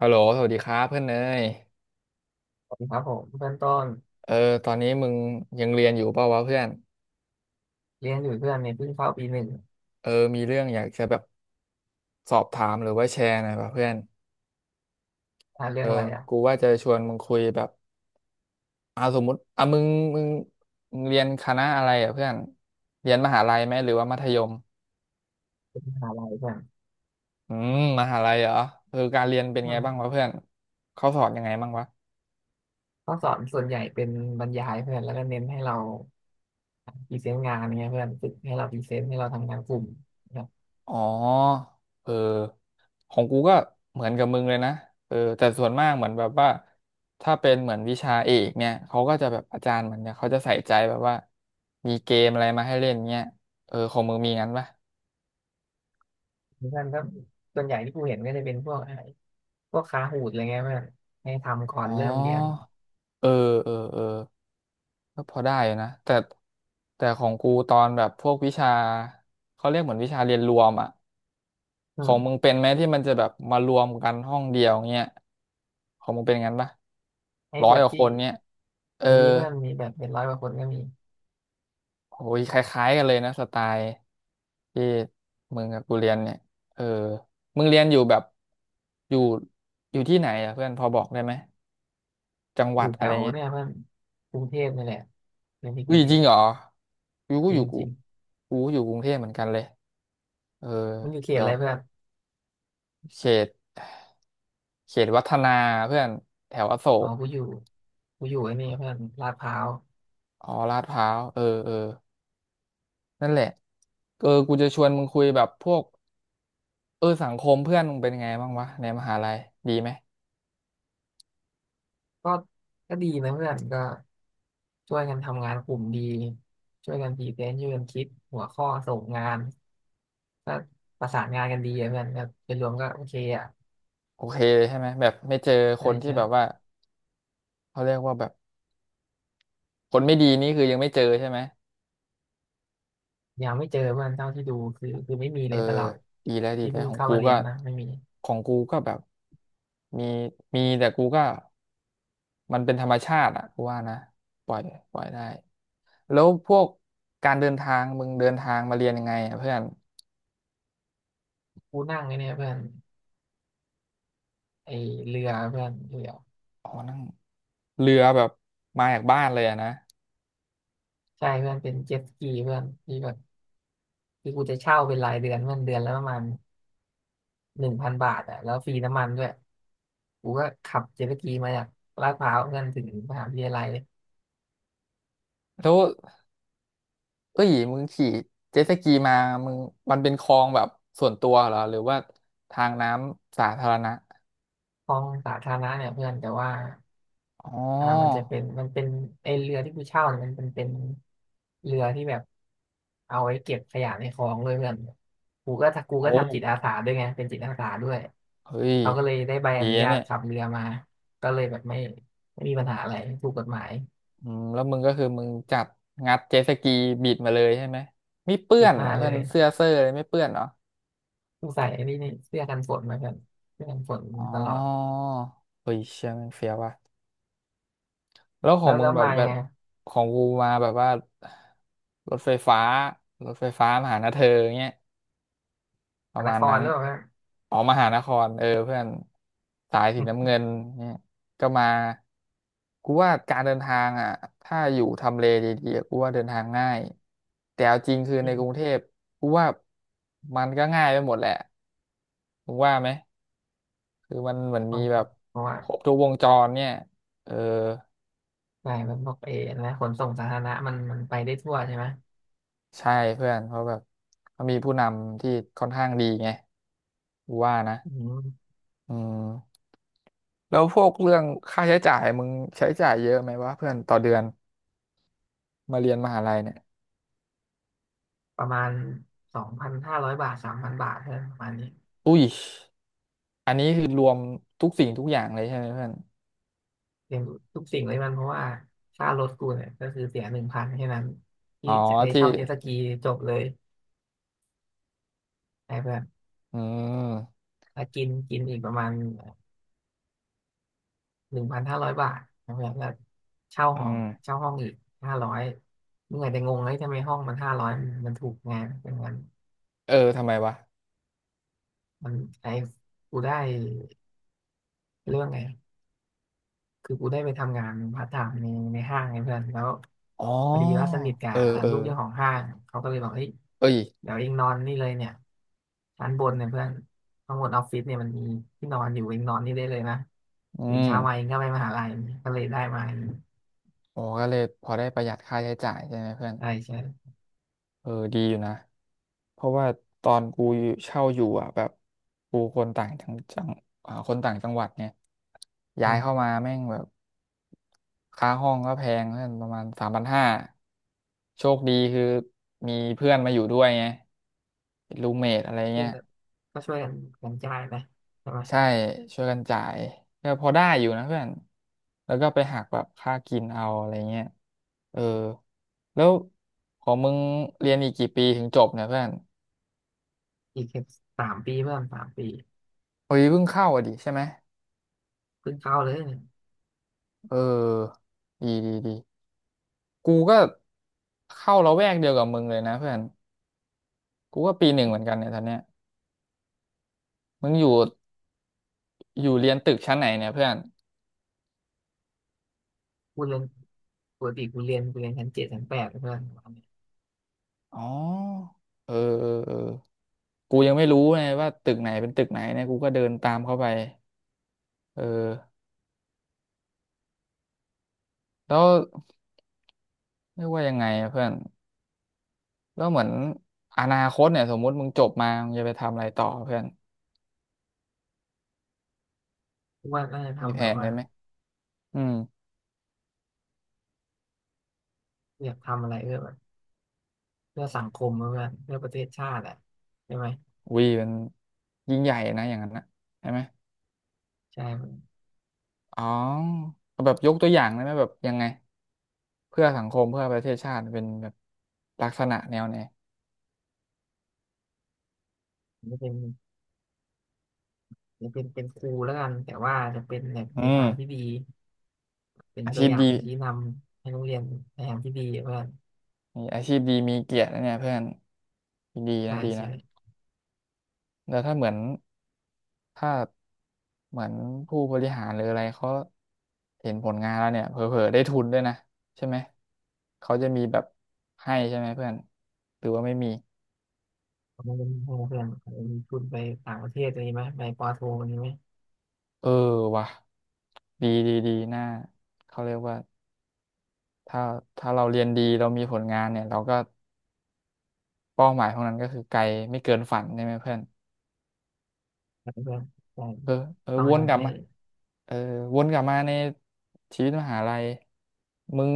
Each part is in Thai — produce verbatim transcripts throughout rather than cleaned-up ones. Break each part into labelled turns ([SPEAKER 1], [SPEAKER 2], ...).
[SPEAKER 1] ฮัลโหลสวัสดีครับเพื่อนเนย
[SPEAKER 2] ครับผมเพื่อนต้น
[SPEAKER 1] เออตอนนี้มึงยังเรียนอยู่เปล่าวะเพื่อน
[SPEAKER 2] เรียนอยู่เพื่อนเนี่ยเพิ่งเข้าปีหนึ่ง
[SPEAKER 1] เออมีเรื่องอยากจะแบบสอบถามหรือว่าแชร์หน่อยวะเพื่อน
[SPEAKER 2] อ่านเรื่
[SPEAKER 1] เอ
[SPEAKER 2] อ
[SPEAKER 1] อ
[SPEAKER 2] งอะไร
[SPEAKER 1] กู
[SPEAKER 2] อ่ะ
[SPEAKER 1] ว่าจะชวนมึงคุยแบบอ่าสมมติอ่ะมึงมึงมึงเรียนคณะอะไรอ่ะเพื่อนเรียนมหาลัยไหมหรือว่ามัธยม
[SPEAKER 2] เป็นมหาลัยเพื่อน
[SPEAKER 1] อืมมหาลัยเหรอเออการเรียนเป็น
[SPEAKER 2] อื
[SPEAKER 1] ไงบ้าง
[SPEAKER 2] ม
[SPEAKER 1] วะเพื่อนเขาสอนยังไงบ้างวะ
[SPEAKER 2] ข้อสอนส่วนใหญ่เป็นบรรยายเพื่อนแล้วก็เน้นให้เราพรีเซนต์งานเนี่ยเพื่อนฝึกให้เราพรีเซนต์ให้เราทำงานกลุ่มนะครับ
[SPEAKER 1] อ๋อเออของกูก็เหมือนกับมึงเลยนะเออแต่ส่วนมากเหมือนแบบว่า ถ้าเป็นเหมือนวิชาเอกเนี่ยเขาก็จะแบบอาจารย์เหมือนเนี่ยเขาจะใส่ใจแบบว่ามีเกมอะไรมาให้เล่นเนี่ยเออของมึงมีงั้นปะ
[SPEAKER 2] เพื่อนก็ส่วนใหญ่ที่กูเห็นก็จะเป็นพวกอะไรพวกคาหูดอะไรเงี้ยเพื่อนให้ทำก่อ
[SPEAKER 1] อ๋
[SPEAKER 2] น
[SPEAKER 1] อ
[SPEAKER 2] เริ่มเรียน
[SPEAKER 1] เออเออเออก็พอได้อยู่นะแต่แต่ของกูตอนแบบพวกวิชา เขาเรียกเหมือนวิชาเรียนรวมอ่ะ
[SPEAKER 2] อื
[SPEAKER 1] ของมึง
[SPEAKER 2] ม
[SPEAKER 1] เป็นไหมที่มันจะแบบมารวมกันห้องเดียวเงี้ยของมึงเป็นงั้นปะ
[SPEAKER 2] ให้
[SPEAKER 1] ร้อ
[SPEAKER 2] แบ
[SPEAKER 1] ยก
[SPEAKER 2] บ
[SPEAKER 1] ว่าค
[SPEAKER 2] ที่
[SPEAKER 1] นเนี้ยเออ
[SPEAKER 2] มีเพื่อนมีแบบเป็นร้อยกว่าคนก็มี
[SPEAKER 1] โอ้ยคล้ายๆกันเลยนะสไตล์ที่มึงกับกูเรียนเนี่ยเออมึงเรียนอยู่แบบอยู่อยู่ที่ไหนอ่ะเพื่อนพอบอกได้ไหมจังห
[SPEAKER 2] อ
[SPEAKER 1] วั
[SPEAKER 2] ยู่
[SPEAKER 1] ด
[SPEAKER 2] แถ
[SPEAKER 1] อะไร
[SPEAKER 2] ว
[SPEAKER 1] เงี้ย
[SPEAKER 2] เนี่ยเพื่อนกรุงเทพนี่แหละเรียนที่ก
[SPEAKER 1] อุ้ย
[SPEAKER 2] รุงเท
[SPEAKER 1] จริ
[SPEAKER 2] พ
[SPEAKER 1] งเหรออยู่กู
[SPEAKER 2] จ
[SPEAKER 1] อ
[SPEAKER 2] ริง
[SPEAKER 1] ยู่กู
[SPEAKER 2] จริง
[SPEAKER 1] กูก็อยู่กรุงเทพเหมือนกันเลยเออ
[SPEAKER 2] มึงอยู่เขต
[SPEAKER 1] เดี๋ย
[SPEAKER 2] อะ
[SPEAKER 1] ว
[SPEAKER 2] ไรเพื่อน
[SPEAKER 1] เขตเขตวัฒนาเพื่อนแถวอโศ
[SPEAKER 2] อ๋อ
[SPEAKER 1] ก
[SPEAKER 2] กูอยู่กูอยู่ไอ้นี่เพื่อนลาดพร้าว
[SPEAKER 1] อ๋อลาดพร้าวเออเออ นั่นแหละเออกูจะชวนมึงคุยแบบพวกเออสังคมเพื่อนมึงเป็นไงบ้างวะในมหาลัยดีไหม
[SPEAKER 2] ก็ก็ดีนะเพื่อนก็ช่วยกันทำงานกลุ่มดีช่วยกันพรีเซนต์ช่วยกันคิดหัวข้อส่งงานก็ประสานงานกันดีอะเพื่อนก็เป็นรวมก็โอเคอ่ะ
[SPEAKER 1] โอเคเลยใช่ไหมแบบไม่เจอค
[SPEAKER 2] ใช่
[SPEAKER 1] นที่
[SPEAKER 2] ใช่
[SPEAKER 1] แบบว่าเขาเรียกว่าแบบคนไม่ดีนี่คือยังไม่เจอใช่ไหม
[SPEAKER 2] ยังไม่เจอเพื่อนเท่าที่ดูคือคือไม่มี
[SPEAKER 1] เอ
[SPEAKER 2] เล
[SPEAKER 1] อ
[SPEAKER 2] ยตลอด
[SPEAKER 1] ดีแล้วดี
[SPEAKER 2] ที่
[SPEAKER 1] แล้ว
[SPEAKER 2] เพิ่ง
[SPEAKER 1] ของ
[SPEAKER 2] เข้า
[SPEAKER 1] กู
[SPEAKER 2] มาเรี
[SPEAKER 1] ก็
[SPEAKER 2] ยนนะไม่มี
[SPEAKER 1] ของกูก็แบบมีมีแต่กูก็มันเป็นธรรมชาติอ่ะกูว่านะปล่อยปล่อยได้แล้วพวกการเดินทางมึงเดินทางมาเรียนยังไงอ่ะเพื่อน
[SPEAKER 2] กูนั่งไอ้เนี่ยเพื่อนไอ้เรือเพื่อนเรือ
[SPEAKER 1] อ๋อนั่งเรือแบบมาจากบ้านเลยอะนะ
[SPEAKER 2] ใช่เพื่อนเป็นเจ็ตสกีเพื่อนที่แบบที่กูจะเช่าเป็นรายเดือนเพื่อนเดือนละประมาณ หนึ่งพันบาทอ่ะแล้วฟรีน้ำมันด้วยกูก็ขับเจ็ตสกีมาจากลาดพร้าวเพื่อนถึงมหาวิทยาลัยเลย
[SPEAKER 1] แล้วเอ้ยมึงขี่เจ็ตสกีมามึงมันเป็นคลองแบบส่วนตัวเหรอหรือว่าทางน้ำสาธารณะ
[SPEAKER 2] คลองสาธารณะเนี่ยเพื่อนแต่ว่า
[SPEAKER 1] อ๋อ
[SPEAKER 2] อ่ามันจะเป็นมันเป็นไอเรือที่กูเช่าเนี่ยมันเป็นเป็นเรือที่แบบเอาไว้เก็บขยะในคลองเลยเพื่อนกูก็ถ้ากู
[SPEAKER 1] โอ้
[SPEAKER 2] ก็ทำจิตอาสาด้วยไงเป็นจิตอาสาด้วย
[SPEAKER 1] เฮ้ย
[SPEAKER 2] เขาก็เลยได้ใบ
[SPEAKER 1] ดี
[SPEAKER 2] อนุ
[SPEAKER 1] นะ
[SPEAKER 2] ญาต
[SPEAKER 1] เนี่ย
[SPEAKER 2] ขับเรือมาก็เลยแบบไม่ไม่มีปัญหาอะไรถูกกฎหมาย
[SPEAKER 1] อืมแล้วมึงก็คือมึงจับงัดเจ็ตสกีบิดมาเลยใช่ไหมไม่เปื้อ
[SPEAKER 2] บิด
[SPEAKER 1] นเหร
[SPEAKER 2] มา
[SPEAKER 1] อ
[SPEAKER 2] เล
[SPEAKER 1] เพื่อน
[SPEAKER 2] ย
[SPEAKER 1] เสื้อเซอรอเลยไม่เปื้อนเหรอ
[SPEAKER 2] กูใส่ไอ้นี่นี่เสื้อกันฝนมาเพื่อนเสื้อกันฝน
[SPEAKER 1] อ๋อ
[SPEAKER 2] ตลอด
[SPEAKER 1] เฮ้ยเชี่ยแมันเฟี้ยวว่ะ แล้วขอ
[SPEAKER 2] แล้
[SPEAKER 1] ง
[SPEAKER 2] ว
[SPEAKER 1] มึ
[SPEAKER 2] แล้
[SPEAKER 1] ง
[SPEAKER 2] ว
[SPEAKER 1] แบบ
[SPEAKER 2] มา
[SPEAKER 1] แบ
[SPEAKER 2] ยัง
[SPEAKER 1] บ
[SPEAKER 2] ไง
[SPEAKER 1] ของกูมาแบบว่ารถไฟฟ้ารถไฟฟ้ามาหานะเธอเงี้ย ป
[SPEAKER 2] สา
[SPEAKER 1] ระ
[SPEAKER 2] น
[SPEAKER 1] มา
[SPEAKER 2] ค
[SPEAKER 1] ณ
[SPEAKER 2] ร
[SPEAKER 1] นั้น
[SPEAKER 2] หรือเปล่าฮะ
[SPEAKER 1] ออกมหานครเออเพื่อนสายสีน้ำเงินเนี่ยก็มากูว่าการเดินทางอ่ะถ้าอยู่ทำเลดีๆอะกูว่าเดินทางง่ายแต่เอาจริงคือ
[SPEAKER 2] อื
[SPEAKER 1] ในกรุงเท
[SPEAKER 2] ม
[SPEAKER 1] พกูว่ามันก็ง่ายไปหมดแหละมึงว่าไหมคือมันเหมือนมีแบบ
[SPEAKER 2] เพราะว่า
[SPEAKER 1] ครบทุกวงจรเนี่ยเออ
[SPEAKER 2] ใช่มันพวกเอนะขนส่งสาธารณะมันมันไปได้ทั่วใช่ไหม
[SPEAKER 1] ใช่เพื่อนเพราะแบบเขามีผู้นำที่ค่อนข้างดีไงกูว่านะ
[SPEAKER 2] อืม
[SPEAKER 1] อืม แล้วพวกเรื่องค่าใช้จ่ายมึงใช้จ่ายเยอะไหมวะเพื่อนต่อเดือนมาเรียนมหาลัยเนี่ย
[SPEAKER 2] ประมาณสองพันห้าร้อยบาทสามพันบาทเท่านั้นประมาณนี้
[SPEAKER 1] อุ้ยอันนี้คือรวมทุกสิ่งทุกอย่างเลยใช่ไหมเพื่อน
[SPEAKER 2] เรียนทุกสิ่งเลยมันเพราะว่าค่ารถกูเนี่ยก็คือเสียหนึ่งพันแค่นั้น
[SPEAKER 1] อ๋
[SPEAKER 2] ที่
[SPEAKER 1] อ
[SPEAKER 2] จะให้
[SPEAKER 1] ที่
[SPEAKER 2] เช่าเจ็ตสกีจบเลยไอ้เพื่อน
[SPEAKER 1] อืม
[SPEAKER 2] แล้วกินกินอีกประมาณหนึ่งพันห้าร้อยบาทนะเพื่อนแล้วเช่า
[SPEAKER 1] อื
[SPEAKER 2] ห้อง
[SPEAKER 1] ม
[SPEAKER 2] เช่าห้องอีกห้าร้อยเมื่อไหร่จะงงเลยทำไมห้องมันห้าร้อยมันถูกไงเป็นเงิน
[SPEAKER 1] เออทำไมวะ
[SPEAKER 2] มันไอ้กูได้เรื่องไงคือกูได้ไปทำงานพาร์ทไทม์ในในห้างไงเพื่อนแล้ว
[SPEAKER 1] อ๋อ
[SPEAKER 2] พอดีว่าสนิทกับ
[SPEAKER 1] เออเออ
[SPEAKER 2] ลูกเจ้าของห้างเขาก็เลยบอกเฮ้ย
[SPEAKER 1] เอ้ย
[SPEAKER 2] เดี๋ยวเองนอนนี่เลยเนี่ยชั้นบนเนี่ยเพื่อนข้างบนออฟฟิศเนี่ยมันมีที่นอนอยู่เองนอนนี่ได้เลยนะ
[SPEAKER 1] อื
[SPEAKER 2] ตื่นเช้ามาเอ
[SPEAKER 1] ม
[SPEAKER 2] งก็ไปมหาลัยก็เลยได้มา
[SPEAKER 1] โอ้ก็เลยพอได้ประหยัดค่าใช้จ่ายใช่ไหมเพื่อน
[SPEAKER 2] ใช่ใช่
[SPEAKER 1] เออดีอยู่นะเพราะว่าตอนกูอยู่เช่าอยู่อ่ะแบบกูคนต่างจังจังอ่าคนต่างจังหวัดเนี่ย
[SPEAKER 2] อื
[SPEAKER 1] ย้ายเข้า
[SPEAKER 2] ม
[SPEAKER 1] มาแม่งแบบค่าห้องก็แพงเพื่อนประมาณสามพันห้าโชคดีคือมีเพื่อนมาอยู่ด้วยไงเป็นรูเมทอะไร
[SPEAKER 2] เพื่
[SPEAKER 1] เงี้
[SPEAKER 2] อ
[SPEAKER 1] ย
[SPEAKER 2] นก็ช่วยกันกันจ่ายไปใช่ไหม
[SPEAKER 1] ใช่ช่วยกันจ่ายก็พอได้อยู่นะเพื่อนแล้วก็ไปหักแบบค่ากินเอาอะไรเงี้ยเออแล้วของมึงเรียนอีกกี่ปีถึงจบเนี่ยเพื่อน
[SPEAKER 2] อีกแค่สามปีเพื่อนสามปี
[SPEAKER 1] เฮ้ยเพิ่งเข้าอ่ะดิใช่ไหม
[SPEAKER 2] เพิ่งเข้าเลยเนี่ย
[SPEAKER 1] เออดีดีดีกูก็เข้าละแวกเดียวกับมึงเลยนะเพื่อนกูก็ปีหนึ่งเหมือนกันเนี่ยตอนเนี้ยมึงอยู่อยู่เรียนตึกชั้นไหนเนี่ยเพื่อน
[SPEAKER 2] กูเรียนปกติกูเรียนกูเรียนชั้นเจ็ดชั้นแปดเพื่อน
[SPEAKER 1] อ๋อเออเออเออกูยังไม่รู้เลยว่าตึกไหนเป็นตึกไหนเนี่ยกูก็เดินตามเข้าไปเออแล้วเรียกว่ายังไงอะเพื่อนแล้วเหมือนอนาคตเนี่ยสมมุติมึงจบมามึงจะไปทำอะไรต่อเพื่อน
[SPEAKER 2] กูว่าน่าจะ
[SPEAKER 1] มี
[SPEAKER 2] ทำ
[SPEAKER 1] แผ
[SPEAKER 2] แบบ
[SPEAKER 1] น
[SPEAKER 2] ว่า
[SPEAKER 1] ได้ไหมอืม
[SPEAKER 2] อยากทำอะไรเพื่อแบบเพื่อสังคมเพื่อนเพื่อประเทศชาติอะใช่ไหม
[SPEAKER 1] วีมันยิ่งใหญ่นะอย่างนั้นนะใช่ไหม
[SPEAKER 2] ใช่
[SPEAKER 1] อ๋อเอาแบบยกตัวอย่างได้ไหมแบบยังไงเพื่อสังคมเพื่อประเทศชาติเป็นแบบลักษณะแนวไหน
[SPEAKER 2] จะเป็นจะเป็นเป็นครูแล้วกันแต่ว่าจะเป็นแบบ
[SPEAKER 1] อื
[SPEAKER 2] ใน
[SPEAKER 1] ม
[SPEAKER 2] ทางที่ดีเป็น
[SPEAKER 1] อา
[SPEAKER 2] ตั
[SPEAKER 1] ชี
[SPEAKER 2] ว
[SPEAKER 1] พ
[SPEAKER 2] อย่า
[SPEAKER 1] ดี
[SPEAKER 2] งชี้นำให้นักเรียนในทางที่ดีเพื่อน
[SPEAKER 1] มีอาชีพดีมีเกียรตินะเนี่ยเพื่อนดี
[SPEAKER 2] ใช่
[SPEAKER 1] นะดีนะ
[SPEAKER 2] ใช่
[SPEAKER 1] แล้วถ้าเหมือนถ้าเหมือนผู้บริหารหรืออะไรเขาเห็นผลงานแล้วเนี่ยเผลอๆได้ทุนด้วยนะใช่ไหมเขาจะมีแบบให้ใช่ไหมเพื่อนหรือว่าไม่มี
[SPEAKER 2] ผมเป็นเพื่อนเพื่อนมีทุนไปต่างประเทศอะไรไหมไปปอโทอะไรไหม
[SPEAKER 1] เออว่ะดีดีดีน่าเขาเรียกว่า ถ้าถ้าเราเรียนดีเรามีผลงานเนี่ยเราก็เป้าหมายของนั้นก็คือไกลไม่เกินฝันใช่ไหมเพื่อน
[SPEAKER 2] เพื่อนใช่
[SPEAKER 1] เออเออ
[SPEAKER 2] ต้อง
[SPEAKER 1] ว
[SPEAKER 2] ให้
[SPEAKER 1] น
[SPEAKER 2] มั
[SPEAKER 1] ก
[SPEAKER 2] น
[SPEAKER 1] ลับ
[SPEAKER 2] ไม่
[SPEAKER 1] มาเออวนกลับมาในชีวิตมหาลัยมึง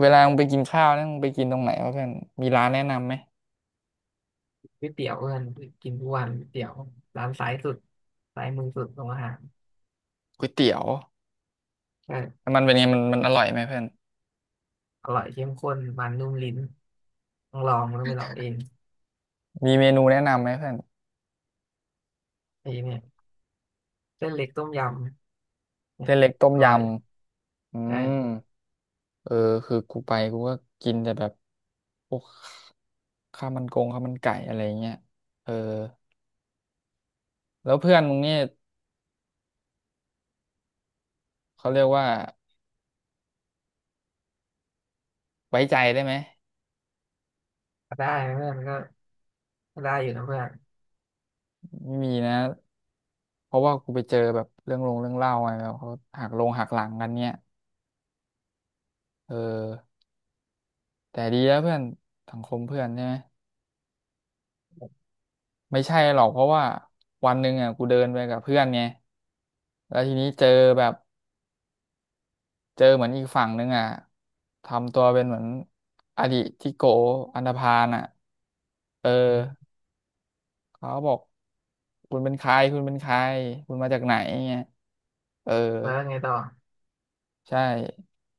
[SPEAKER 1] เวลามึงไปกินข้าวเนี่ยมึงไปกินตรงไหนวะเพื่อนมีร้านแนะนำไหม
[SPEAKER 2] ก๋วยเตี๋ยวเอิญกินทุกวันก๋วยเตี๋ยวร้านซ้ายสุดซ้ายมือสุดของอาหาร
[SPEAKER 1] ก๋วยเตี๋ยว
[SPEAKER 2] ก็
[SPEAKER 1] มันเป็นไงมันมันอร่อยไหมเพื่อน
[SPEAKER 2] อร่อยเข้มข้นมันนุ่มลิ้นต้องลองต้องไปลองเอง
[SPEAKER 1] มีเมนูแนะนำไหมเพื่อน
[SPEAKER 2] ไอ้เนี่ยเส้นเล็กต้มยำเนี่
[SPEAKER 1] เส้
[SPEAKER 2] ย
[SPEAKER 1] นเล็กต้ม
[SPEAKER 2] อ
[SPEAKER 1] ย
[SPEAKER 2] ร่อย
[SPEAKER 1] ำอืม
[SPEAKER 2] ใช่
[SPEAKER 1] เออคือกูไปกูก็กินแต่แบบพวกข้าวมันกงข้าวมันไก่อะไรเงี้ยเออแล้วเพื่อนมึงเนี่ย เขาเรียกว่าไว้ใจได้ไหม
[SPEAKER 2] ก็ได้นะเพื่อนก็ก็ได้อยู่นะเพื่อน
[SPEAKER 1] ไม่มีนะเพราะว่ากูไปเจอแบบเรื่องลงเรื่องเล่าอะไรแบบเขาหักลงหักหลังกันเนี่ยเออแต่ดีแล้วเพื่อนสังคมเพื่อนใช่ไหมไม่ใช่หรอกเพราะว่าวันหนึ่งอ่ะกูเดินไปกับเพื่อนไงแล้วทีนี้เจอแบบเจอเหมือนอีกฝั่งหนึ่งอ่ะทำตัวเป็นเหมือนอดีตที่โกอันธพาลอ่ะเออ
[SPEAKER 2] อืม
[SPEAKER 1] เขาบอกคุณเป็นใครคุณเป็นใครคุณมาจากไหนเงี้ยเออ
[SPEAKER 2] แล้วไงต่อ
[SPEAKER 1] ใช่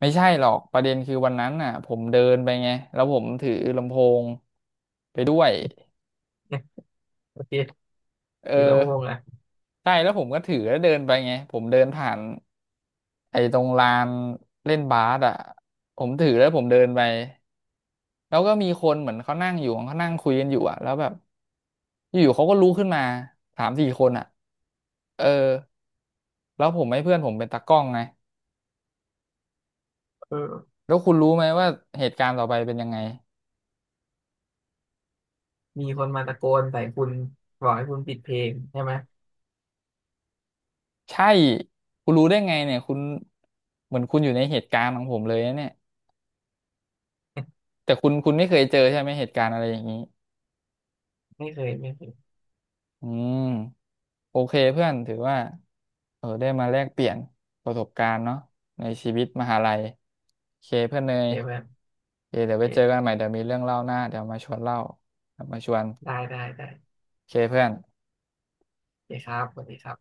[SPEAKER 1] ไม่ใช่หรอกประเด็นคือวันนั้นน่ะผมเดินไปไงแล้วผมถือลำโพงไปด้วย
[SPEAKER 2] โอเค
[SPEAKER 1] เอ
[SPEAKER 2] ถือ
[SPEAKER 1] อ
[SPEAKER 2] ลำโพงอ่ะ
[SPEAKER 1] ใช่แล้วผมก็ถือแล้วเดินไปไงผมเดินผ่านไอ้ตรงลานเล่นบาสอ่ะผมถือแล้วผมเดินไปแล้วก็มีคนเหมือนเขานั่งอยู่เขานั่งคุยกันอยู่อ่ะแล้วแบบอยู่ๆเขาก็ลุกขึ้นมาสามสี่คนอ่ะเออแล้วผมให้เพื่อนผมเป็นตากล้องไง
[SPEAKER 2] เออ
[SPEAKER 1] แล้วคุณรู้ไหมว่าเหตุการณ์ต่อไปเป็นยังไง
[SPEAKER 2] มีคนมาตะโกนใส่คุณบอกให้คุณปิดเพลงใช่ไหม
[SPEAKER 1] ใช่คุณรู้ได้ไงเนี่ยคุณเหมือนคุณอยู่ในเหตุการณ์ของผมเลยนะเนี่ยแต่คุณคุณไม่เคยเจอใช่ไหมเหตุการณ์อะไรอย่างนี้
[SPEAKER 2] ไม่เคยไม่เคย
[SPEAKER 1] อืมโอเคเพื่อนถือว่าเออได้มาแลกเปลี่ยนประสบการณ์เนาะในชีวิตมหาลัยโอเคเพื่อนเน
[SPEAKER 2] โอ
[SPEAKER 1] ย
[SPEAKER 2] เคเพื่อน
[SPEAKER 1] โอเคเดี๋ย
[SPEAKER 2] โอ
[SPEAKER 1] วไปเจอกัน
[SPEAKER 2] เค
[SPEAKER 1] ใหม่เดี๋ยวมีเรื่องเล่าหน้าเดี๋ยวมาชวนเล่าเดี๋ยวมาชวน
[SPEAKER 2] ได้ได้ได้
[SPEAKER 1] โอเคเพื่อน
[SPEAKER 2] โอเคครับสวัสดีครับ